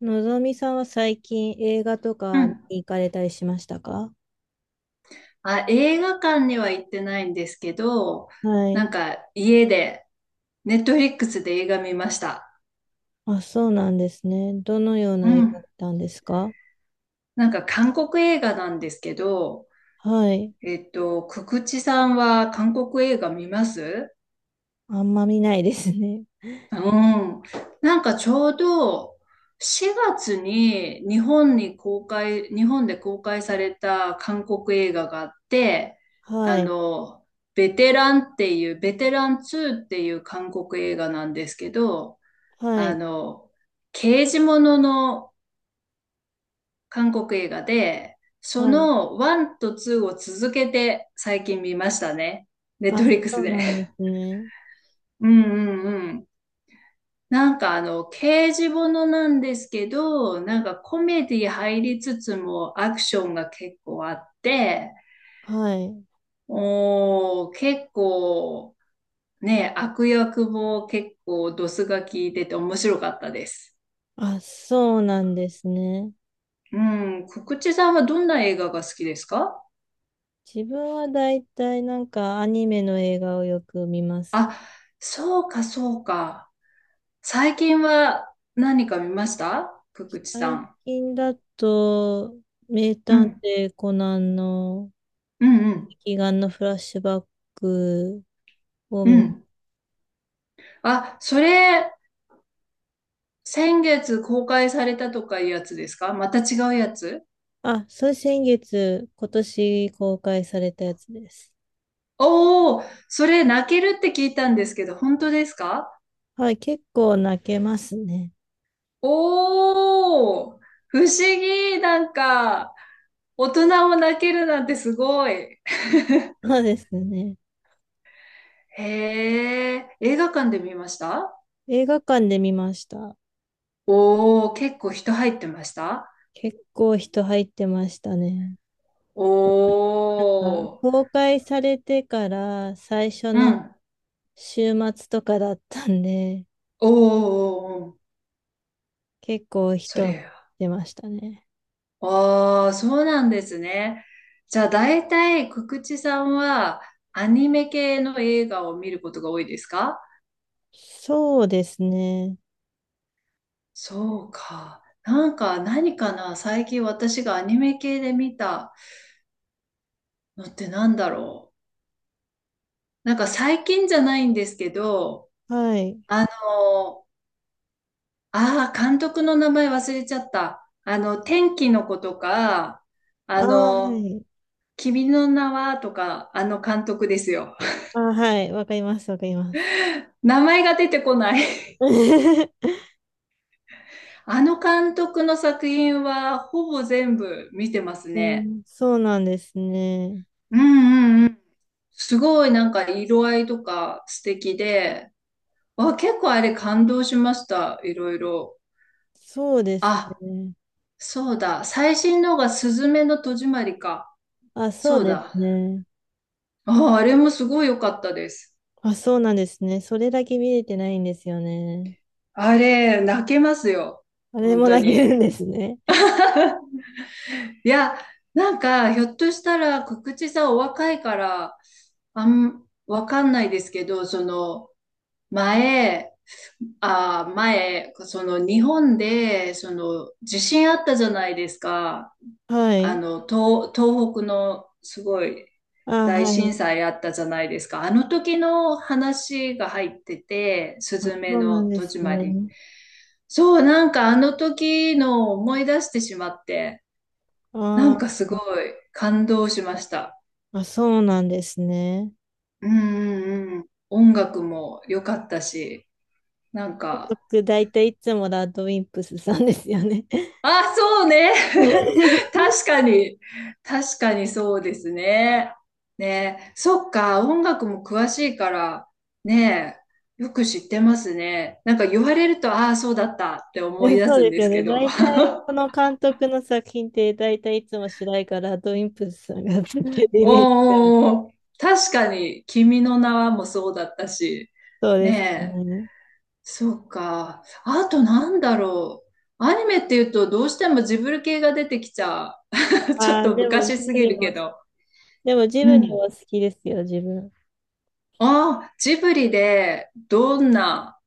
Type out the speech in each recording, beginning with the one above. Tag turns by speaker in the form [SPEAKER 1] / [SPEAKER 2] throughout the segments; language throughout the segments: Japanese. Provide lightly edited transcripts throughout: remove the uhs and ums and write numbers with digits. [SPEAKER 1] のぞみさんは最近映画と
[SPEAKER 2] う
[SPEAKER 1] かに
[SPEAKER 2] ん。
[SPEAKER 1] 行かれたりしましたか？
[SPEAKER 2] あ、映画館には行ってないんですけど、
[SPEAKER 1] は
[SPEAKER 2] なん
[SPEAKER 1] い。
[SPEAKER 2] か家で、ネットフリックスで映画見ました。
[SPEAKER 1] あ、そうなんですね。どのよう
[SPEAKER 2] う
[SPEAKER 1] な映画見
[SPEAKER 2] ん。
[SPEAKER 1] たんですか？
[SPEAKER 2] なんか韓国映画なんですけど、
[SPEAKER 1] はい。
[SPEAKER 2] くくちさんは韓国映画見ます？
[SPEAKER 1] あんま見ないですね。
[SPEAKER 2] うん。なんかちょうど4月に日本に公開、日本で公開された韓国映画があって、あ
[SPEAKER 1] はい。
[SPEAKER 2] の、ベテラン2っていう韓国映画なんですけど、
[SPEAKER 1] は
[SPEAKER 2] あ
[SPEAKER 1] い。
[SPEAKER 2] の、刑事ものの韓国映画で、そ
[SPEAKER 1] はい。
[SPEAKER 2] の1と2を続けて最近見ましたね。ネットフ
[SPEAKER 1] あ、
[SPEAKER 2] リック
[SPEAKER 1] そ
[SPEAKER 2] ス
[SPEAKER 1] う
[SPEAKER 2] で。
[SPEAKER 1] なんですね。
[SPEAKER 2] うんうんうん。なんか刑事ものなんですけど、なんかコメディ入りつつもアクションが結構あって、
[SPEAKER 1] はい。
[SPEAKER 2] おー、結構ね、悪役も結構ドスが効いてて面白かったです。
[SPEAKER 1] あ、そうなんですね。
[SPEAKER 2] うん、くくちさんはどんな映画が好きですか？
[SPEAKER 1] 自分はだいたいなんかアニメの映画をよく見ます。
[SPEAKER 2] あ、そうか、そうか。最近は何か見ました？くくちさ
[SPEAKER 1] 最
[SPEAKER 2] ん。
[SPEAKER 1] 近だと、名
[SPEAKER 2] う
[SPEAKER 1] 探
[SPEAKER 2] ん、
[SPEAKER 1] 偵コナンの、
[SPEAKER 2] うん、うん、
[SPEAKER 1] 悲願のフラッシュバックを
[SPEAKER 2] う
[SPEAKER 1] 見ます。
[SPEAKER 2] ん。あ、それ、先月公開されたとかいうやつですか？また違うやつ？
[SPEAKER 1] あ、それ先月、今年公開されたやつです。
[SPEAKER 2] おおー、それ泣けるって聞いたんですけど、本当ですか？
[SPEAKER 1] はい、結構泣けますね。
[SPEAKER 2] おおー、不思議。なんか、大人も泣けるなんてすごい。
[SPEAKER 1] そうですね。
[SPEAKER 2] へえ、映画館で見ました？
[SPEAKER 1] 映画館で見ました。
[SPEAKER 2] おおー、結構人入ってました？
[SPEAKER 1] 結構人入ってましたね。
[SPEAKER 2] お
[SPEAKER 1] あ、
[SPEAKER 2] ー。
[SPEAKER 1] 公開されてから最初
[SPEAKER 2] う
[SPEAKER 1] の
[SPEAKER 2] ん。
[SPEAKER 1] 週末とかだったんで、
[SPEAKER 2] おーおーおー。
[SPEAKER 1] 結構
[SPEAKER 2] そり
[SPEAKER 1] 人
[SPEAKER 2] ゃ
[SPEAKER 1] 出ましたね。
[SPEAKER 2] ああ、そうなんですね。じゃあ、大体、くくちさんは、アニメ系の映画を見ることが多いですか？
[SPEAKER 1] そうですね。
[SPEAKER 2] そうか。なんか、何かな、最近私がアニメ系で見たのってなんだろう。なんか、最近じゃないんですけど、
[SPEAKER 1] はい。
[SPEAKER 2] あの、ああ、監督の名前忘れちゃった。天気の子とか、
[SPEAKER 1] あ
[SPEAKER 2] あ
[SPEAKER 1] あ、は
[SPEAKER 2] の、
[SPEAKER 1] い。
[SPEAKER 2] 君の名はとか、あの監督ですよ。
[SPEAKER 1] ああ、はい。わかります、わかります。
[SPEAKER 2] 名前が出てこない。
[SPEAKER 1] え
[SPEAKER 2] あの監督の作品はほぼ全部見てますね。
[SPEAKER 1] そうなんですね。
[SPEAKER 2] うんうんうん。すごいなんか色合いとか素敵で、わ、結構あれ感動しました。いろいろ。
[SPEAKER 1] そうです
[SPEAKER 2] あ、
[SPEAKER 1] ね。
[SPEAKER 2] そうだ。最新のがすずめの戸締まりか。
[SPEAKER 1] あ、そ
[SPEAKER 2] そ
[SPEAKER 1] う
[SPEAKER 2] う
[SPEAKER 1] です
[SPEAKER 2] だ。
[SPEAKER 1] ね。
[SPEAKER 2] あ、あれもすごい良かったです。
[SPEAKER 1] あ、そうなんですね。それだけ見れてないんですよね。
[SPEAKER 2] あれ、泣けますよ。
[SPEAKER 1] あれ
[SPEAKER 2] 本
[SPEAKER 1] も
[SPEAKER 2] 当
[SPEAKER 1] 泣け
[SPEAKER 2] に。
[SPEAKER 1] るんですね。
[SPEAKER 2] いや、なんか、ひょっとしたら、告知さんお若いから、わかんないですけど、前、あー、前、日本で、地震あったじゃないですか。
[SPEAKER 1] はい。
[SPEAKER 2] 東北の、すごい、
[SPEAKER 1] あ、
[SPEAKER 2] 大
[SPEAKER 1] は
[SPEAKER 2] 震
[SPEAKER 1] い。
[SPEAKER 2] 災あったじゃないですか。あの時の話が入ってて、す
[SPEAKER 1] あ、
[SPEAKER 2] ずめ
[SPEAKER 1] そうな
[SPEAKER 2] の
[SPEAKER 1] んで
[SPEAKER 2] 戸
[SPEAKER 1] す
[SPEAKER 2] 締まり。
[SPEAKER 1] ね。
[SPEAKER 2] そう、なんかあの時の思い出してしまって。なん
[SPEAKER 1] あ
[SPEAKER 2] かすご
[SPEAKER 1] ー、
[SPEAKER 2] い感動しました。
[SPEAKER 1] あ、そうなんですね。
[SPEAKER 2] うんうんうん。音楽も良かったし、なんか、
[SPEAKER 1] 僕、大体いつもラッドウィンプスさんですよね。
[SPEAKER 2] あ、そうね。確かに。確かにそうですね。ね、そっか、音楽も詳しいから、ね、よく知ってますね。なんか言われると、ああ、そうだったって思い出
[SPEAKER 1] そう
[SPEAKER 2] すん
[SPEAKER 1] です
[SPEAKER 2] で
[SPEAKER 1] よ
[SPEAKER 2] すけ
[SPEAKER 1] ね。
[SPEAKER 2] ど。
[SPEAKER 1] 大体、この監督の作品って、大体いつも主題歌、ラッドウィンプスさんが作って るイメージが。
[SPEAKER 2] おーお、確かに、君の名はもそうだったし、
[SPEAKER 1] そうです
[SPEAKER 2] ね、
[SPEAKER 1] ね。
[SPEAKER 2] そうか。あとなんだろう。アニメっていうとどうしてもジブリ系が出てきちゃう。ちょっ
[SPEAKER 1] ああ、
[SPEAKER 2] と
[SPEAKER 1] でも、
[SPEAKER 2] 昔すぎるけど。
[SPEAKER 1] ジ
[SPEAKER 2] う
[SPEAKER 1] ブリ
[SPEAKER 2] ん。
[SPEAKER 1] も好きですよ、自分。
[SPEAKER 2] ああ、ジブリでどんな、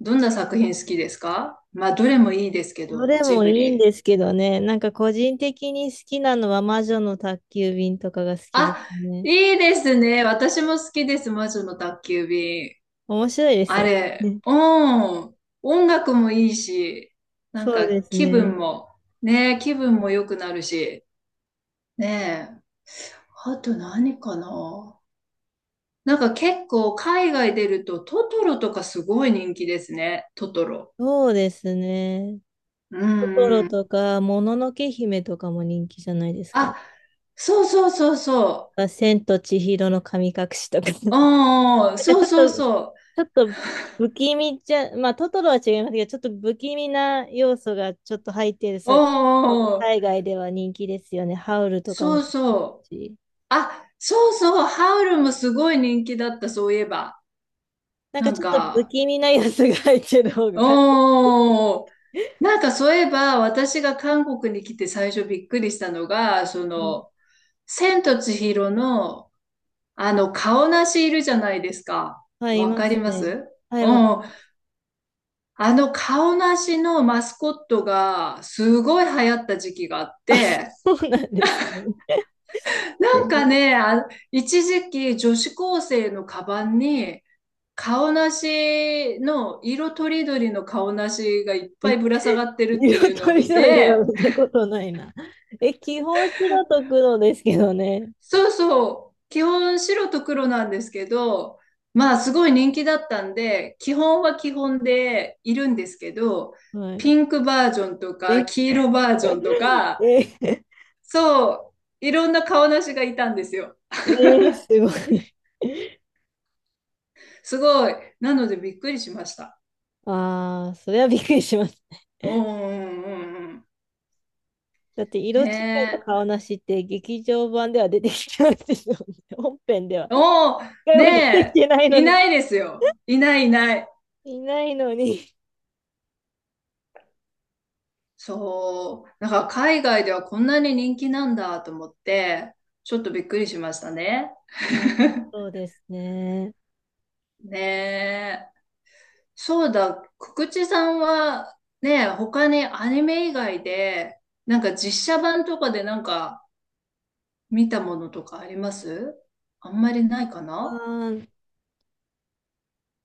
[SPEAKER 2] 作品好きですか？まあ、どれもいいですけ
[SPEAKER 1] ど
[SPEAKER 2] ど、
[SPEAKER 1] れ
[SPEAKER 2] ジ
[SPEAKER 1] も
[SPEAKER 2] ブ
[SPEAKER 1] いいん
[SPEAKER 2] リ。
[SPEAKER 1] ですけどね。なんか個人的に好きなのは魔女の宅急便とかが好きです
[SPEAKER 2] あ、
[SPEAKER 1] ね。
[SPEAKER 2] いいですね。私も好きです。魔女の宅急便。
[SPEAKER 1] 面白いです
[SPEAKER 2] あ
[SPEAKER 1] よ
[SPEAKER 2] れ、
[SPEAKER 1] ね。
[SPEAKER 2] うん。音楽もいいし、なん
[SPEAKER 1] そう
[SPEAKER 2] か
[SPEAKER 1] です
[SPEAKER 2] 気
[SPEAKER 1] ね。
[SPEAKER 2] 分も、ねえ、気分も良くなるし、ねえ。あと何かな、なんか結構海外出るとトトロとかすごい人気ですね。トトロ。
[SPEAKER 1] そうですね。
[SPEAKER 2] う
[SPEAKER 1] トト
[SPEAKER 2] ん
[SPEAKER 1] ロ
[SPEAKER 2] うん。
[SPEAKER 1] とか、もののけ姫とかも人気じゃないですか？
[SPEAKER 2] あ、そうそうそうそ
[SPEAKER 1] あ、千と千尋の神隠しとか。
[SPEAKER 2] う。うんうん、そうそう
[SPEAKER 1] と、
[SPEAKER 2] そ
[SPEAKER 1] ちょっと不気味じゃ、まあ、トトロは違いますけど、ちょっと不気味な要素がちょっと入ってる
[SPEAKER 2] う。うん
[SPEAKER 1] 作品の方が
[SPEAKER 2] うんうん、
[SPEAKER 1] 海外では人気ですよね。ハウルとか
[SPEAKER 2] そう
[SPEAKER 1] もそうで
[SPEAKER 2] そ
[SPEAKER 1] す
[SPEAKER 2] う。
[SPEAKER 1] し。
[SPEAKER 2] あ、そうそう。ハウルもすごい人気だった、そういえば。
[SPEAKER 1] なんか
[SPEAKER 2] なん
[SPEAKER 1] ちょっと不
[SPEAKER 2] か、
[SPEAKER 1] 気味な要素が入ってる方がか、
[SPEAKER 2] うん。なんかそういえば、私が韓国に来て最初びっくりしたのが、
[SPEAKER 1] はい。
[SPEAKER 2] 千と千尋の顔なしいるじゃないですか。
[SPEAKER 1] はい、い
[SPEAKER 2] わ
[SPEAKER 1] ま
[SPEAKER 2] か
[SPEAKER 1] す
[SPEAKER 2] りま
[SPEAKER 1] ね。
[SPEAKER 2] す？
[SPEAKER 1] はい、
[SPEAKER 2] う
[SPEAKER 1] わか
[SPEAKER 2] ん。顔なしのマスコットが、すごい流行った時期があっ
[SPEAKER 1] あ、
[SPEAKER 2] て、
[SPEAKER 1] そうなんですね。
[SPEAKER 2] なんか
[SPEAKER 1] え
[SPEAKER 2] ね、あ、一時期女子高生のカバンに、顔なしの、色とりどりの顔なしがいっぱ
[SPEAKER 1] ー、
[SPEAKER 2] いぶら下がってるってい
[SPEAKER 1] 色
[SPEAKER 2] うの
[SPEAKER 1] と
[SPEAKER 2] を
[SPEAKER 1] り
[SPEAKER 2] 見
[SPEAKER 1] どりは
[SPEAKER 2] て、
[SPEAKER 1] 見たことないな。え、基本白と黒ですけどね。
[SPEAKER 2] そうそう。基本白と黒なんですけど、まあすごい人気だったんで、基本は基本でいるんですけど、
[SPEAKER 1] はい。
[SPEAKER 2] ピンクバージョンとか
[SPEAKER 1] え、
[SPEAKER 2] 黄色バージ
[SPEAKER 1] え、
[SPEAKER 2] ョンとか、
[SPEAKER 1] え
[SPEAKER 2] そう、いろんな顔なしがいたんですよ。
[SPEAKER 1] すごい。
[SPEAKER 2] すごい。なのでびっくりしました。
[SPEAKER 1] ああ、それはびっくりします。
[SPEAKER 2] うんうんうんうん。
[SPEAKER 1] だって、色違いの
[SPEAKER 2] ね
[SPEAKER 1] 顔なしって劇場版では出てきてないですよね。本編では。
[SPEAKER 2] え。
[SPEAKER 1] 一
[SPEAKER 2] おー
[SPEAKER 1] 回も出てき
[SPEAKER 2] ね
[SPEAKER 1] てない
[SPEAKER 2] え。
[SPEAKER 1] の
[SPEAKER 2] い
[SPEAKER 1] に。
[SPEAKER 2] ないですよ。いないいない。
[SPEAKER 1] いないのに。
[SPEAKER 2] そう、なんか海外ではこんなに人気なんだと思って、ちょっとびっくりしましたね。
[SPEAKER 1] ああ、そうですね。
[SPEAKER 2] ねえ。そうだ、くくちさんはね、他にアニメ以外で、なんか実写版とかでなんか見たものとかあります？あんまりないか
[SPEAKER 1] あ
[SPEAKER 2] な。
[SPEAKER 1] ー、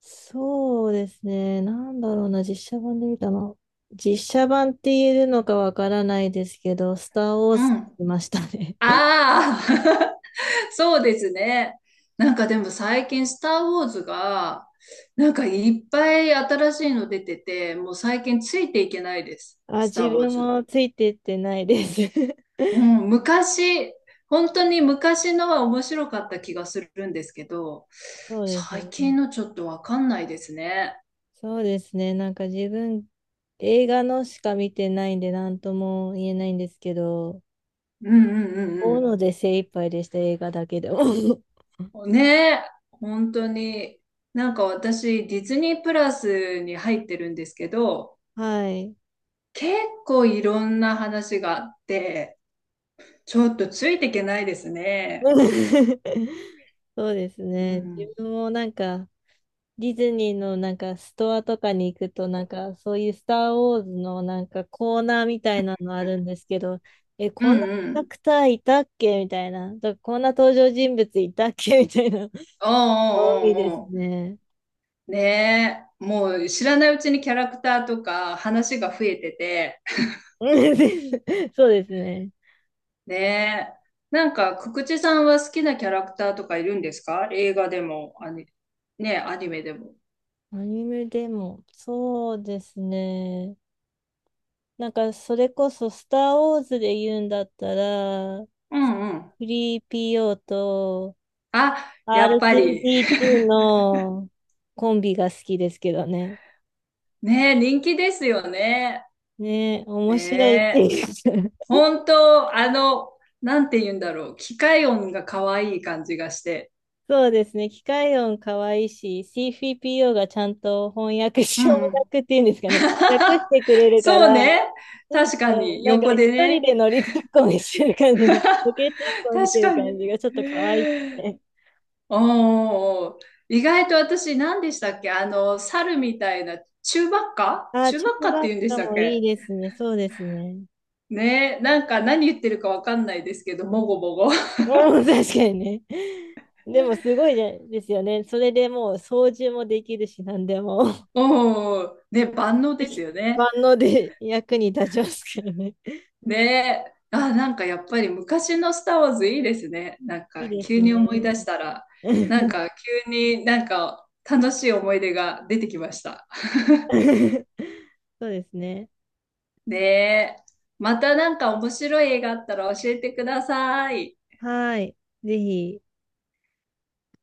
[SPEAKER 1] そうですね。なんだろうな、実写版で見たの。実写版って言えるのかわからないですけど、スター・ウォー
[SPEAKER 2] う
[SPEAKER 1] ズ
[SPEAKER 2] ん。
[SPEAKER 1] 見ましたね。
[SPEAKER 2] ああ そうですね。なんかでも最近、スター・ウォーズが、なんかいっぱい新しいの出てて、もう最近ついていけないです。
[SPEAKER 1] あ、
[SPEAKER 2] ス
[SPEAKER 1] 自
[SPEAKER 2] ター・ウォー
[SPEAKER 1] 分
[SPEAKER 2] ズ。
[SPEAKER 1] もついてってないです。
[SPEAKER 2] うん、昔、本当に昔のは面白かった気がするんですけど、
[SPEAKER 1] そうです
[SPEAKER 2] 最
[SPEAKER 1] ね。
[SPEAKER 2] 近のちょっとわかんないですね。
[SPEAKER 1] そうですね。なんか自分、映画のしか見てないんで、なんとも言えないんですけど、
[SPEAKER 2] うんう
[SPEAKER 1] 大
[SPEAKER 2] ん
[SPEAKER 1] 野
[SPEAKER 2] う
[SPEAKER 1] ので精一杯でした、映画だけでも。
[SPEAKER 2] んうん。ねえ、本当に。なんか私、ディズニープラスに入ってるんですけど、
[SPEAKER 1] はい。
[SPEAKER 2] 結構いろんな話があって、ちょっとついていけないですね。
[SPEAKER 1] そうです
[SPEAKER 2] う
[SPEAKER 1] ね。
[SPEAKER 2] ん。
[SPEAKER 1] 自分もなんか、ディズニーのなんかストアとかに行くと、なんかそういうスター・ウォーズのなんかコーナーみたいなのあるんですけど、え、
[SPEAKER 2] う
[SPEAKER 1] こんな
[SPEAKER 2] ん
[SPEAKER 1] キ
[SPEAKER 2] う
[SPEAKER 1] ャラ
[SPEAKER 2] ん。
[SPEAKER 1] クターいたっけみたいな。とかこんな登場人物いたっけみたいな。
[SPEAKER 2] おう
[SPEAKER 1] 多
[SPEAKER 2] お
[SPEAKER 1] いで
[SPEAKER 2] う
[SPEAKER 1] す
[SPEAKER 2] おうお
[SPEAKER 1] ね。
[SPEAKER 2] う。ねえ。もう知らないうちにキャラクターとか話が増えてて。
[SPEAKER 1] うん、で、 そうですね。
[SPEAKER 2] ねえ。なんか、くくちさんは好きなキャラクターとかいるんですか？映画でも、ねえ、アニメでも。
[SPEAKER 1] アニメでも、そうですね。なんか、それこそ、スター・ウォーズで言うんだったら、
[SPEAKER 2] うんうん。
[SPEAKER 1] フリー p o と
[SPEAKER 2] あ、やっぱり。
[SPEAKER 1] R2D2 のコンビが好きですけどね。
[SPEAKER 2] ねえ、人気ですよね。
[SPEAKER 1] ね、
[SPEAKER 2] ね
[SPEAKER 1] 面白いって
[SPEAKER 2] え。
[SPEAKER 1] いうか。
[SPEAKER 2] 本当、なんて言うんだろう。機械音が可愛い感じがして。
[SPEAKER 1] そうですね。機械音可愛いし、c f p o がちゃんと翻訳し、
[SPEAKER 2] う ん
[SPEAKER 1] 翻
[SPEAKER 2] うん。
[SPEAKER 1] 訳っていうんですかね。訳してくれるか
[SPEAKER 2] そう
[SPEAKER 1] ら、
[SPEAKER 2] ね。
[SPEAKER 1] うん、
[SPEAKER 2] 確かに、
[SPEAKER 1] なんか
[SPEAKER 2] 横
[SPEAKER 1] 一
[SPEAKER 2] で
[SPEAKER 1] 人
[SPEAKER 2] ね。
[SPEAKER 1] で乗りツッコミしてる感じで、ボケツッコミし
[SPEAKER 2] 確
[SPEAKER 1] てる
[SPEAKER 2] か
[SPEAKER 1] 感じ
[SPEAKER 2] に。
[SPEAKER 1] がちょっと可愛くて。
[SPEAKER 2] おー、意外と私何でしたっけ？猿みたいな、中ばっか
[SPEAKER 1] ああ、
[SPEAKER 2] 中
[SPEAKER 1] チ
[SPEAKER 2] ばっ
[SPEAKER 1] ュー
[SPEAKER 2] かっ
[SPEAKER 1] バ
[SPEAKER 2] て
[SPEAKER 1] ッ
[SPEAKER 2] 言うんでし
[SPEAKER 1] カ
[SPEAKER 2] たっ
[SPEAKER 1] もいい
[SPEAKER 2] け？
[SPEAKER 1] ですね。そうですね。
[SPEAKER 2] ね、なんか何言ってるかわかんないですけど、もごもご。
[SPEAKER 1] うん、確かにね。でもすごいですよね。それでもう操縦もできるし、何でも。
[SPEAKER 2] おー、ね、万能です よ
[SPEAKER 1] 万
[SPEAKER 2] ね。
[SPEAKER 1] 能で役に立ちますからね。
[SPEAKER 2] ね、あ、なんかやっぱり昔のスター・ウォーズいいですね。なん
[SPEAKER 1] いい
[SPEAKER 2] か
[SPEAKER 1] です
[SPEAKER 2] 急に思
[SPEAKER 1] ね。
[SPEAKER 2] い出したら、なん か急になんか楽しい思い出が出てきました。
[SPEAKER 1] そうですね。
[SPEAKER 2] ねえ。またなんか面白い映画あったら教えてください。
[SPEAKER 1] はい。ぜひ、